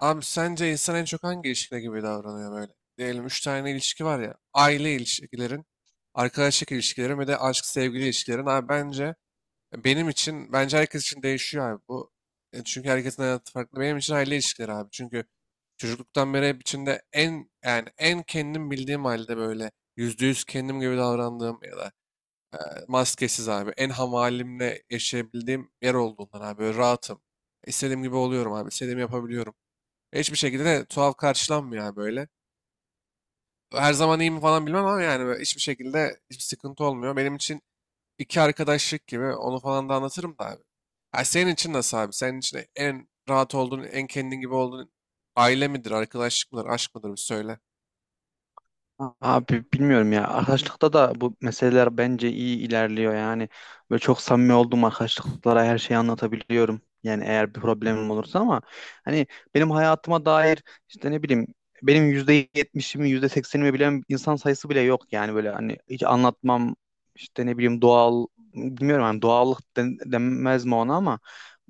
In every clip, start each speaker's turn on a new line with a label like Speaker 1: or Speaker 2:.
Speaker 1: Abi sence insan en çok hangi ilişkide gibi davranıyor böyle? Diyelim üç tane ilişki var ya. Aile ilişkilerin, arkadaşlık ilişkilerin ve de aşk sevgili ilişkilerin. Abi bence benim için, bence herkes için değişiyor abi bu. Çünkü herkesin hayatı farklı. Benim için aile ilişkileri abi. Çünkü çocukluktan beri hep içinde en kendim bildiğim halde böyle %100 kendim gibi davrandığım ya da e, maskesiz abi. En hamalimle yaşayabildiğim yer olduğundan abi. Böyle rahatım. İstediğim gibi oluyorum abi. İstediğimi yapabiliyorum. Hiçbir şekilde de tuhaf karşılanmıyor yani böyle. Her zaman iyi mi falan bilmem ama yani böyle hiçbir şekilde hiçbir sıkıntı olmuyor. Benim için iki arkadaşlık gibi onu falan da anlatırım da abi. Ha, senin için nasıl abi? Senin için en rahat olduğun, en kendin gibi olduğun aile midir, arkadaşlık mıdır, aşk mıdır bir söyle.
Speaker 2: Abi bilmiyorum ya. Arkadaşlıkta da bu meseleler bence iyi ilerliyor. Yani böyle çok samimi olduğum arkadaşlıklara her şeyi anlatabiliyorum. Yani eğer bir problemim olursa ama hani benim hayatıma dair işte ne bileyim benim %70'imi, %80'imi bilen insan sayısı bile yok. Yani böyle hani hiç anlatmam işte ne bileyim doğal, bilmiyorum hani doğallık denmez mi ona ama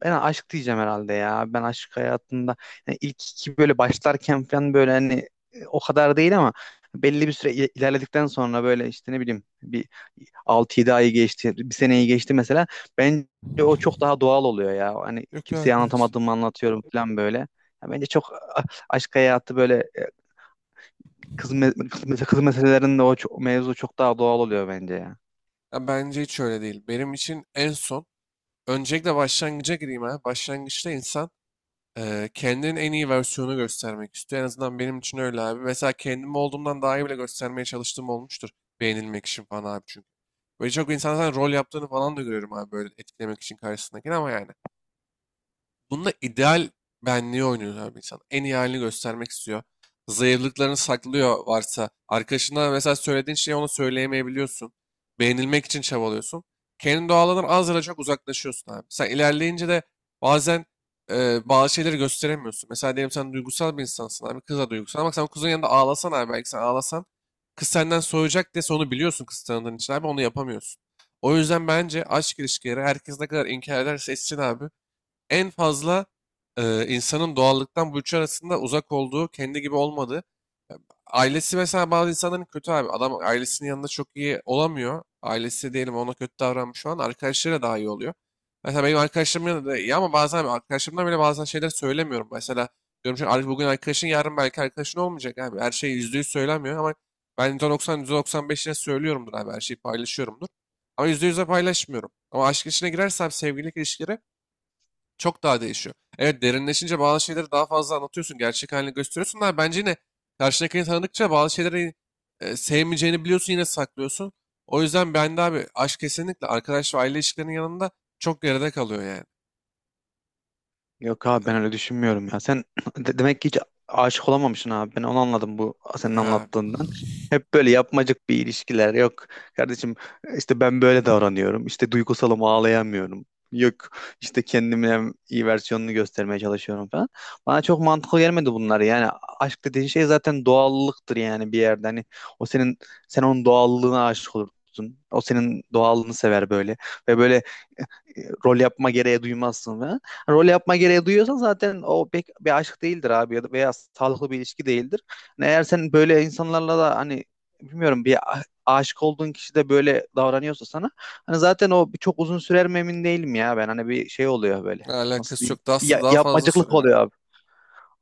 Speaker 2: ben aşk diyeceğim herhalde ya. Ben aşk hayatında yani ilk iki böyle başlarken falan böyle hani o kadar değil ama belli bir süre ilerledikten sonra böyle işte ne bileyim bir 6-7 ayı geçti, bir seneyi geçti mesela. Bence o çok daha doğal oluyor ya. Hani
Speaker 1: Yok
Speaker 2: kimseye
Speaker 1: abi ben.
Speaker 2: anlatamadığımı anlatıyorum falan böyle. Ya bence çok aşk hayatı böyle, kız meselelerinde mevzu çok daha doğal oluyor bence ya.
Speaker 1: Ya bence hiç öyle değil. Benim için en son, öncelikle başlangıca gireyim ha. Başlangıçta insan, kendinin en iyi versiyonu göstermek istiyor. En azından benim için öyle abi. Mesela kendim olduğumdan daha iyi bile göstermeye çalıştığım olmuştur. Beğenilmek için falan abi çünkü. Böyle çok insan zaten rol yaptığını falan da görüyorum abi böyle etkilemek için karşısındakini ama yani. Bunda ideal benliği oynuyor abi insan. En iyi halini göstermek istiyor. Zayıflıklarını saklıyor varsa. Arkadaşına mesela söylediğin şeyi ona söyleyemeyebiliyorsun. Beğenilmek için çabalıyorsun. Kendi doğalından az ya da çok uzaklaşıyorsun abi. Sen ilerleyince de bazen bazı şeyleri gösteremiyorsun. Mesela diyelim sen duygusal bir insansın abi. Kız da duygusal. Ama sen kızın yanında ağlasan abi, belki sen ağlasan kız senden soğuyacak diye onu biliyorsun kız tanıdığın için abi. Onu yapamıyorsun. O yüzden bence aşk ilişkileri herkes ne kadar inkar ederse etsin abi en fazla insanın doğallıktan bu üçü arasında uzak olduğu, kendi gibi olmadığı. Ailesi mesela bazı insanların kötü abi. Adam ailesinin yanında çok iyi olamıyor. Ailesi diyelim ona kötü davranmış şu an. Arkadaşlarıyla daha iyi oluyor. Mesela benim arkadaşlarımın yanında da iyi ama bazen arkadaşlarımdan bile bazen şeyler söylemiyorum. Mesela diyorum ki bugün arkadaşın yarın belki arkadaşın olmayacak abi. Her şey %100 söylemiyor ama ben %90, %95'ine söylüyorumdur abi. Her şeyi paylaşıyorumdur. Ama %100'e paylaşmıyorum. Ama aşk içine girersem sevgililik ilişkileri çok daha değişiyor. Evet derinleşince bazı şeyleri daha fazla anlatıyorsun. Gerçek halini gösteriyorsun da bence yine karşındakini tanıdıkça bazı şeyleri sevmeyeceğini biliyorsun yine saklıyorsun. O yüzden ben de abi aşk kesinlikle arkadaş ve aile ilişkilerinin yanında çok geride kalıyor yani.
Speaker 2: Yok abi ben öyle düşünmüyorum ya. Sen demek ki hiç aşık olamamışsın abi. Ben onu anladım bu
Speaker 1: Yani,
Speaker 2: senin
Speaker 1: ha,
Speaker 2: anlattığından. Hep böyle yapmacık bir ilişkiler. Yok kardeşim, işte ben böyle davranıyorum. İşte duygusalım, ağlayamıyorum. Yok, işte kendimin en iyi versiyonunu göstermeye çalışıyorum falan. Bana çok mantıklı gelmedi bunlar. Yani aşk dediğin şey zaten doğallıktır yani bir yerde. Hani o senin sen onun doğallığına aşık olursun. O senin doğallığını sever böyle. Ve böyle rol yapma gereği duymazsın falan. Hani rol yapma gereği duyuyorsan zaten o pek bir aşk değildir abi, ya da veya sağlıklı bir ilişki değildir. Hani eğer sen böyle insanlarla da hani bilmiyorum, bir aşık olduğun kişi de böyle davranıyorsa sana hani zaten o bir çok uzun sürer mi emin değilim ya, ben hani bir şey oluyor böyle, nasıl
Speaker 1: alakası
Speaker 2: diyeyim,
Speaker 1: yok.
Speaker 2: bir
Speaker 1: Dust'ı daha fazla
Speaker 2: yapmacıklık
Speaker 1: sürer abi.
Speaker 2: oluyor abi.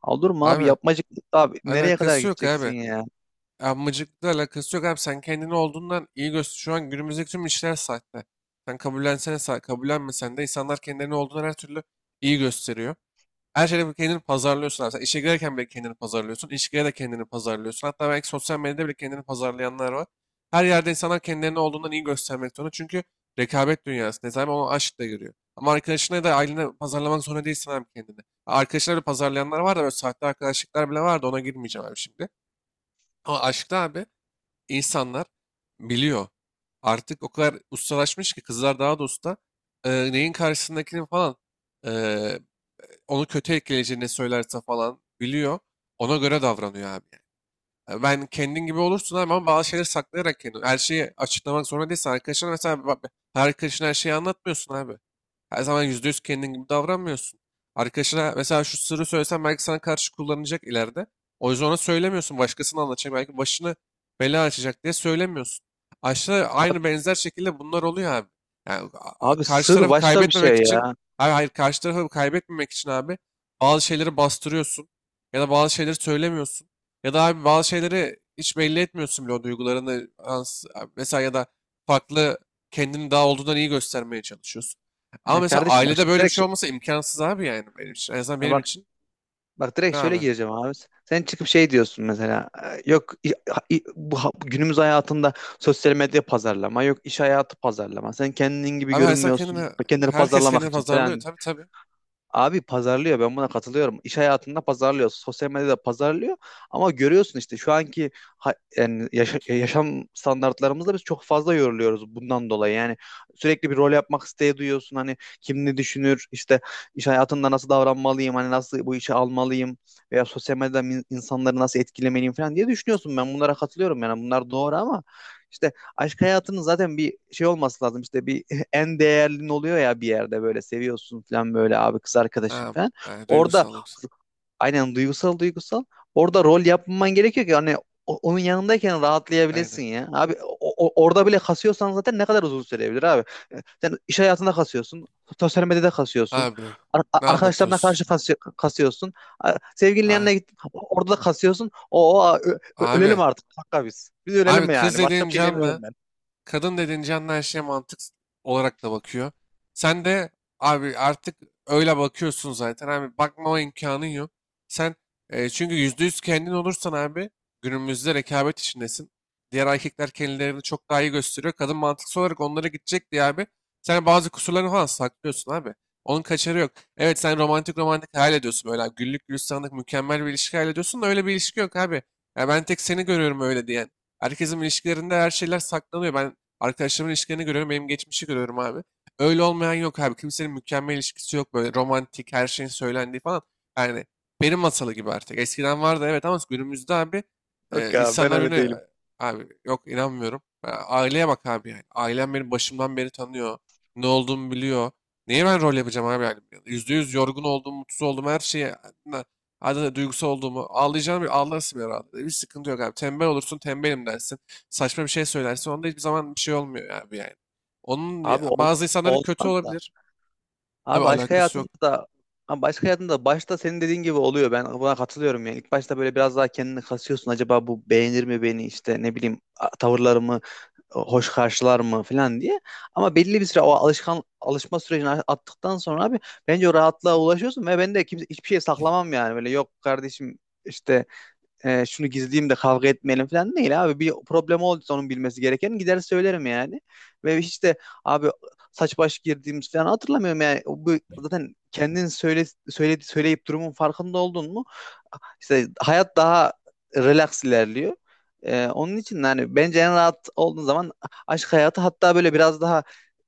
Speaker 2: Olur mu abi,
Speaker 1: Abi
Speaker 2: yapmacıklık abi nereye kadar
Speaker 1: alakası yok
Speaker 2: gideceksin
Speaker 1: abi.
Speaker 2: ya?
Speaker 1: Amıcıkla alakası yok abi. Sen kendini olduğundan iyi göster. Şu an günümüzdeki tüm işler sahte. Sen kabullensene sahte. Kabullenmesen de insanlar kendilerini olduğundan her türlü iyi gösteriyor. Her şeyde kendini pazarlıyorsun abi. Sen işe girerken bile kendini pazarlıyorsun. İş girer de kendini pazarlıyorsun. Hatta belki sosyal medyada bile kendini pazarlayanlar var. Her yerde insanlar kendilerini olduğundan iyi göstermek zorunda. Çünkü rekabet dünyası. Ne zaman ona aşk da giriyor. Ama arkadaşına da ailene pazarlamak zorunda değilsin abi kendini. Arkadaşlar da pazarlayanlar var da böyle sahte arkadaşlıklar bile var da ona girmeyeceğim abi şimdi. Ama aşkta abi insanlar biliyor. Artık o kadar ustalaşmış ki kızlar daha da usta. Neyin karşısındakini falan. e, onu kötü etkileyeceğini söylerse falan biliyor. Ona göre davranıyor abi yani. Ben kendin gibi olursun abi ama bazı şeyleri saklayarak kendin. Her şeyi açıklamak zorunda değilsin. Arkadaşına mesela bak, her arkadaşına her şeyi anlatmıyorsun abi. Her zaman %100 kendin gibi davranmıyorsun. Arkadaşına mesela şu sırrı söylesen belki sana karşı kullanacak ileride. O yüzden ona söylemiyorsun. Başkasına anlatacak. Belki başını bela açacak diye söylemiyorsun. Aşağı aynı
Speaker 2: Abi,
Speaker 1: benzer şekilde bunlar oluyor abi. Yani
Speaker 2: abi
Speaker 1: karşı
Speaker 2: sır
Speaker 1: tarafı
Speaker 2: başka bir
Speaker 1: kaybetmemek
Speaker 2: şey
Speaker 1: için,
Speaker 2: ya.
Speaker 1: hayır, hayır karşı tarafı kaybetmemek için abi bazı şeyleri bastırıyorsun ya da bazı şeyleri söylemiyorsun. Ya da abi bazı şeyleri hiç belli etmiyorsun bile o duygularını. Mesela ya da farklı kendini daha olduğundan iyi göstermeye çalışıyorsun. Ama
Speaker 2: Ya
Speaker 1: mesela
Speaker 2: kardeşim,
Speaker 1: ailede
Speaker 2: başka
Speaker 1: böyle bir
Speaker 2: direkt
Speaker 1: şey olmasa imkansız abi yani benim için. En azından
Speaker 2: ya
Speaker 1: benim
Speaker 2: bak
Speaker 1: için.
Speaker 2: Bak
Speaker 1: Ne
Speaker 2: direkt şöyle
Speaker 1: abi?
Speaker 2: gireceğim abi. Sen çıkıp şey diyorsun mesela. Yok, günümüz hayatında sosyal medya pazarlama, yok iş hayatı pazarlama. Sen kendin gibi
Speaker 1: Abi her insan
Speaker 2: görünmüyorsun.
Speaker 1: kendini,
Speaker 2: Kendini
Speaker 1: herkes
Speaker 2: pazarlamak
Speaker 1: kendini
Speaker 2: için
Speaker 1: pazarlıyor.
Speaker 2: falan.
Speaker 1: Tabii tabii.
Speaker 2: Abi pazarlıyor, ben buna katılıyorum. İş hayatında pazarlıyor, sosyal medyada pazarlıyor ama görüyorsun işte şu anki yani yaşam standartlarımızda biz çok fazla yoruluyoruz bundan dolayı. Yani sürekli bir rol yapmak isteği duyuyorsun, hani kim ne düşünür, işte iş hayatında nasıl davranmalıyım, hani nasıl bu işe almalıyım veya sosyal medyada insanları nasıl etkilemeliyim falan diye düşünüyorsun. Ben bunlara katılıyorum yani, bunlar doğru ama işte aşk hayatının zaten bir şey olması lazım, işte bir en değerlin oluyor ya bir yerde, böyle seviyorsun falan böyle abi, kız arkadaşın
Speaker 1: Ha,
Speaker 2: falan.
Speaker 1: ha,
Speaker 2: Orada
Speaker 1: duygusal duygusal.
Speaker 2: aynen, duygusal duygusal. Orada rol yapman gerekiyor ki hani onun yanındayken
Speaker 1: Aynen.
Speaker 2: rahatlayabilesin ya. Abi orada bile kasıyorsan zaten ne kadar uzun sürebilir abi. Sen iş hayatında kasıyorsun. Sosyal medyada kasıyorsun.
Speaker 1: Abi ne
Speaker 2: Arkadaşlarına karşı
Speaker 1: anlatıyorsun?
Speaker 2: kasıyorsun. Sevgilinin
Speaker 1: Ha,
Speaker 2: yanına git. Orada da kasıyorsun. Ölelim
Speaker 1: abi.
Speaker 2: artık. Hakka biz. Biz
Speaker 1: Abi
Speaker 2: ölelim
Speaker 1: kız
Speaker 2: yani. Başka
Speaker 1: dediğin
Speaker 2: bir şey demiyorum
Speaker 1: canlı.
Speaker 2: ben.
Speaker 1: Kadın dediğince canlı her şeye mantık olarak da bakıyor. Sen de abi artık öyle bakıyorsun zaten abi bakmama imkanın yok. Sen çünkü %100 kendin olursan abi günümüzde rekabet içindesin. Diğer erkekler kendilerini çok daha iyi gösteriyor. Kadın mantıksal olarak onlara gidecek diye abi. Sen bazı kusurlarını falan saklıyorsun abi. Onun kaçarı yok. Evet sen romantik romantik hayal ediyorsun böyle abi. Güllük gülistanlık mükemmel bir ilişki hayal ediyorsun da öyle bir ilişki yok abi. Ya ben tek seni görüyorum öyle diyen. Herkesin ilişkilerinde her şeyler saklanıyor. Ben arkadaşlarımın ilişkilerini görüyorum. Benim geçmişi görüyorum abi. Öyle olmayan yok abi. Kimsenin mükemmel ilişkisi yok. Böyle romantik her şeyin söylendiği falan. Yani benim masalı gibi artık. Eskiden vardı evet ama günümüzde abi
Speaker 2: Yok ya, ben
Speaker 1: insanlar
Speaker 2: öyle
Speaker 1: birbirine.
Speaker 2: değilim.
Speaker 1: Abi yok inanmıyorum. Ya aileye bak abi yani. Ailem beni başımdan beri tanıyor. Ne olduğumu biliyor. Neye ben rol yapacağım abi yani? Yüzde yüz yorgun olduğum, mutsuz olduğum her şeyi, hadi duygusal olduğumu ağlayacağım bir ağlarsın herhalde. Bir sıkıntı yok abi. Tembel olursun tembelim dersin, saçma bir şey söylersin. Onda hiçbir zaman bir şey olmuyor abi yani. Onun ya-
Speaker 2: Abi ol-
Speaker 1: bazı insanların kötü
Speaker 2: olmaz da.
Speaker 1: olabilir. Tabii
Speaker 2: Abi başka
Speaker 1: alakası
Speaker 2: hayatında
Speaker 1: yok.
Speaker 2: da Abi başka hayatında da başta senin dediğin gibi oluyor. Ben buna katılıyorum yani. İlk başta böyle biraz daha kendini kasıyorsun. Acaba bu beğenir mi beni, işte ne bileyim, tavırlarımı hoş karşılar mı falan diye. Ama belli bir süre o alışma sürecini attıktan sonra abi bence o rahatlığa ulaşıyorsun ve ben de kimse hiçbir şey saklamam yani. Böyle yok kardeşim, işte şunu gizleyeyim de kavga etmeyelim falan değil abi. Bir problem olduysa onun bilmesi gereken, gider söylerim yani. Ve hiç de abi saç baş girdiğimiz falan hatırlamıyorum yani. Bu zaten kendin söyleyip durumun farkında oldun mu? İşte hayat daha relax ilerliyor. Onun için yani bence en rahat olduğun zaman aşk hayatı, hatta böyle biraz daha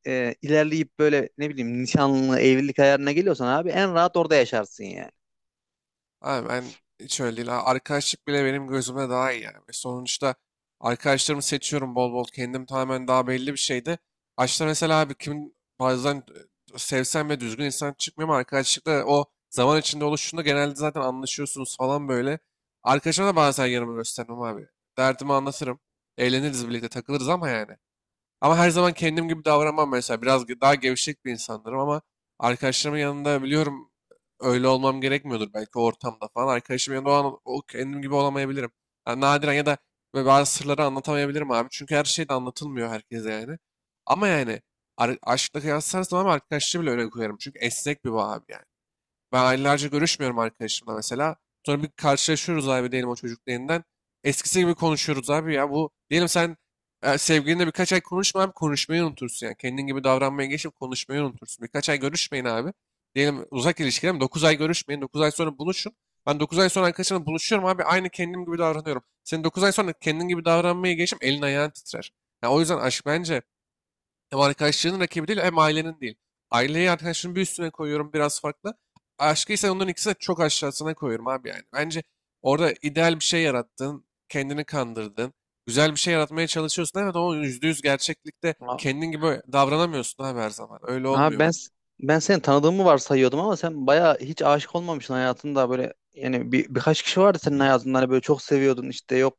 Speaker 2: ilerleyip böyle ne bileyim nişanlı, evlilik ayarına geliyorsan abi en rahat orada yaşarsın yani.
Speaker 1: Abi ben hiç öyle değil. Ha, arkadaşlık bile benim gözümde daha iyi yani. Sonuçta arkadaşlarımı seçiyorum bol bol. Kendim tamamen daha belli bir şeydi. Açta mesela abi kim bazen sevsem ve düzgün insan çıkmıyor ama arkadaşlıkta o zaman içinde oluştuğunda genelde zaten anlaşıyorsunuz falan böyle. Arkadaşıma da bazen yanımı göstermem abi. Derdimi anlatırım. Eğleniriz birlikte takılırız ama yani. Ama her zaman kendim gibi davranmam mesela. Biraz daha gevşek bir insanlarım ama arkadaşlarımın yanında biliyorum öyle olmam gerekmiyordur belki o ortamda falan. Arkadaşımın yanında o an o kendim gibi olamayabilirim. Yani nadiren ya da böyle bazı sırları anlatamayabilirim abi. Çünkü her şey de anlatılmıyor herkese yani. Ama yani aşkla kıyaslarsan ama arkadaşlığı bile öyle koyarım. Çünkü esnek bir bağ abi yani. Ben aylarca görüşmüyorum arkadaşımla mesela. Sonra bir karşılaşıyoruz abi diyelim o çocukla yeniden. Eskisi gibi konuşuyoruz abi ya. Bu diyelim sen sevgilinle birkaç ay konuşma abi konuşmayı unutursun yani. Kendin gibi davranmaya geçip konuşmayı unutursun. Birkaç ay görüşmeyin abi. Diyelim uzak ilişkiler mi? 9 ay görüşmeyin. 9 ay sonra buluşun. Ben 9 ay sonra arkadaşımla buluşuyorum abi. Aynı kendim gibi davranıyorum. Senin 9 ay sonra kendin gibi davranmaya geçip elin ayağın titrer. Ya o yüzden aşk bence hem arkadaşlarının rakibi değil hem ailenin değil. Aileyi arkadaşının bir üstüne koyuyorum biraz farklı. Aşkı ise onların ikisini de çok aşağısına koyuyorum abi yani. Bence orada ideal bir şey yarattın, kendini kandırdın, güzel bir şey yaratmaya çalışıyorsun. Evet ama yüzde yüz gerçeklikte kendin gibi davranamıyorsun abi her zaman. Öyle
Speaker 2: Abi
Speaker 1: olmuyor
Speaker 2: ben
Speaker 1: bak.
Speaker 2: s- ben seni tanıdığımı varsayıyordum ama sen bayağı hiç aşık olmamışsın hayatında. Böyle yani birkaç kişi vardı senin hayatında hani böyle çok seviyordun, işte yok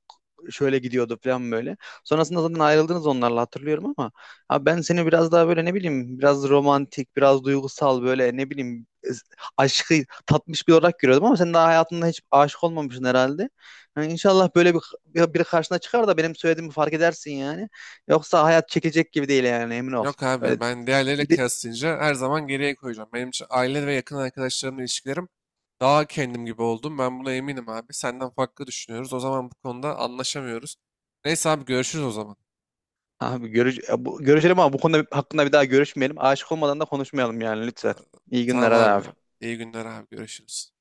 Speaker 2: şöyle gidiyordu falan böyle. Sonrasında zaten ayrıldınız onlarla, hatırlıyorum ama abi ben seni biraz daha böyle ne bileyim, biraz romantik, biraz duygusal, böyle ne bileyim, aşkı tatmış bir olarak görüyordum ama sen daha hayatında hiç aşık olmamışsın herhalde. Yani inşallah böyle biri karşına çıkar da benim söylediğimi fark edersin yani. Yoksa hayat çekecek gibi değil yani, emin ol.
Speaker 1: Yok abi
Speaker 2: Öyle.
Speaker 1: ben diğerleriyle kıyaslayınca her zaman geriye koyacağım. Benim için aile ve yakın arkadaşlarımla ilişkilerim daha kendim gibi oldum. Ben buna eminim abi. Senden farklı düşünüyoruz. O zaman bu konuda anlaşamıyoruz. Neyse abi görüşürüz o zaman.
Speaker 2: Abi görüşelim ama bu konuda hakkında bir daha görüşmeyelim. Aşık olmadan da konuşmayalım yani lütfen. İyi günler
Speaker 1: Tamam
Speaker 2: hadi
Speaker 1: abi.
Speaker 2: abi.
Speaker 1: İyi günler abi. Görüşürüz.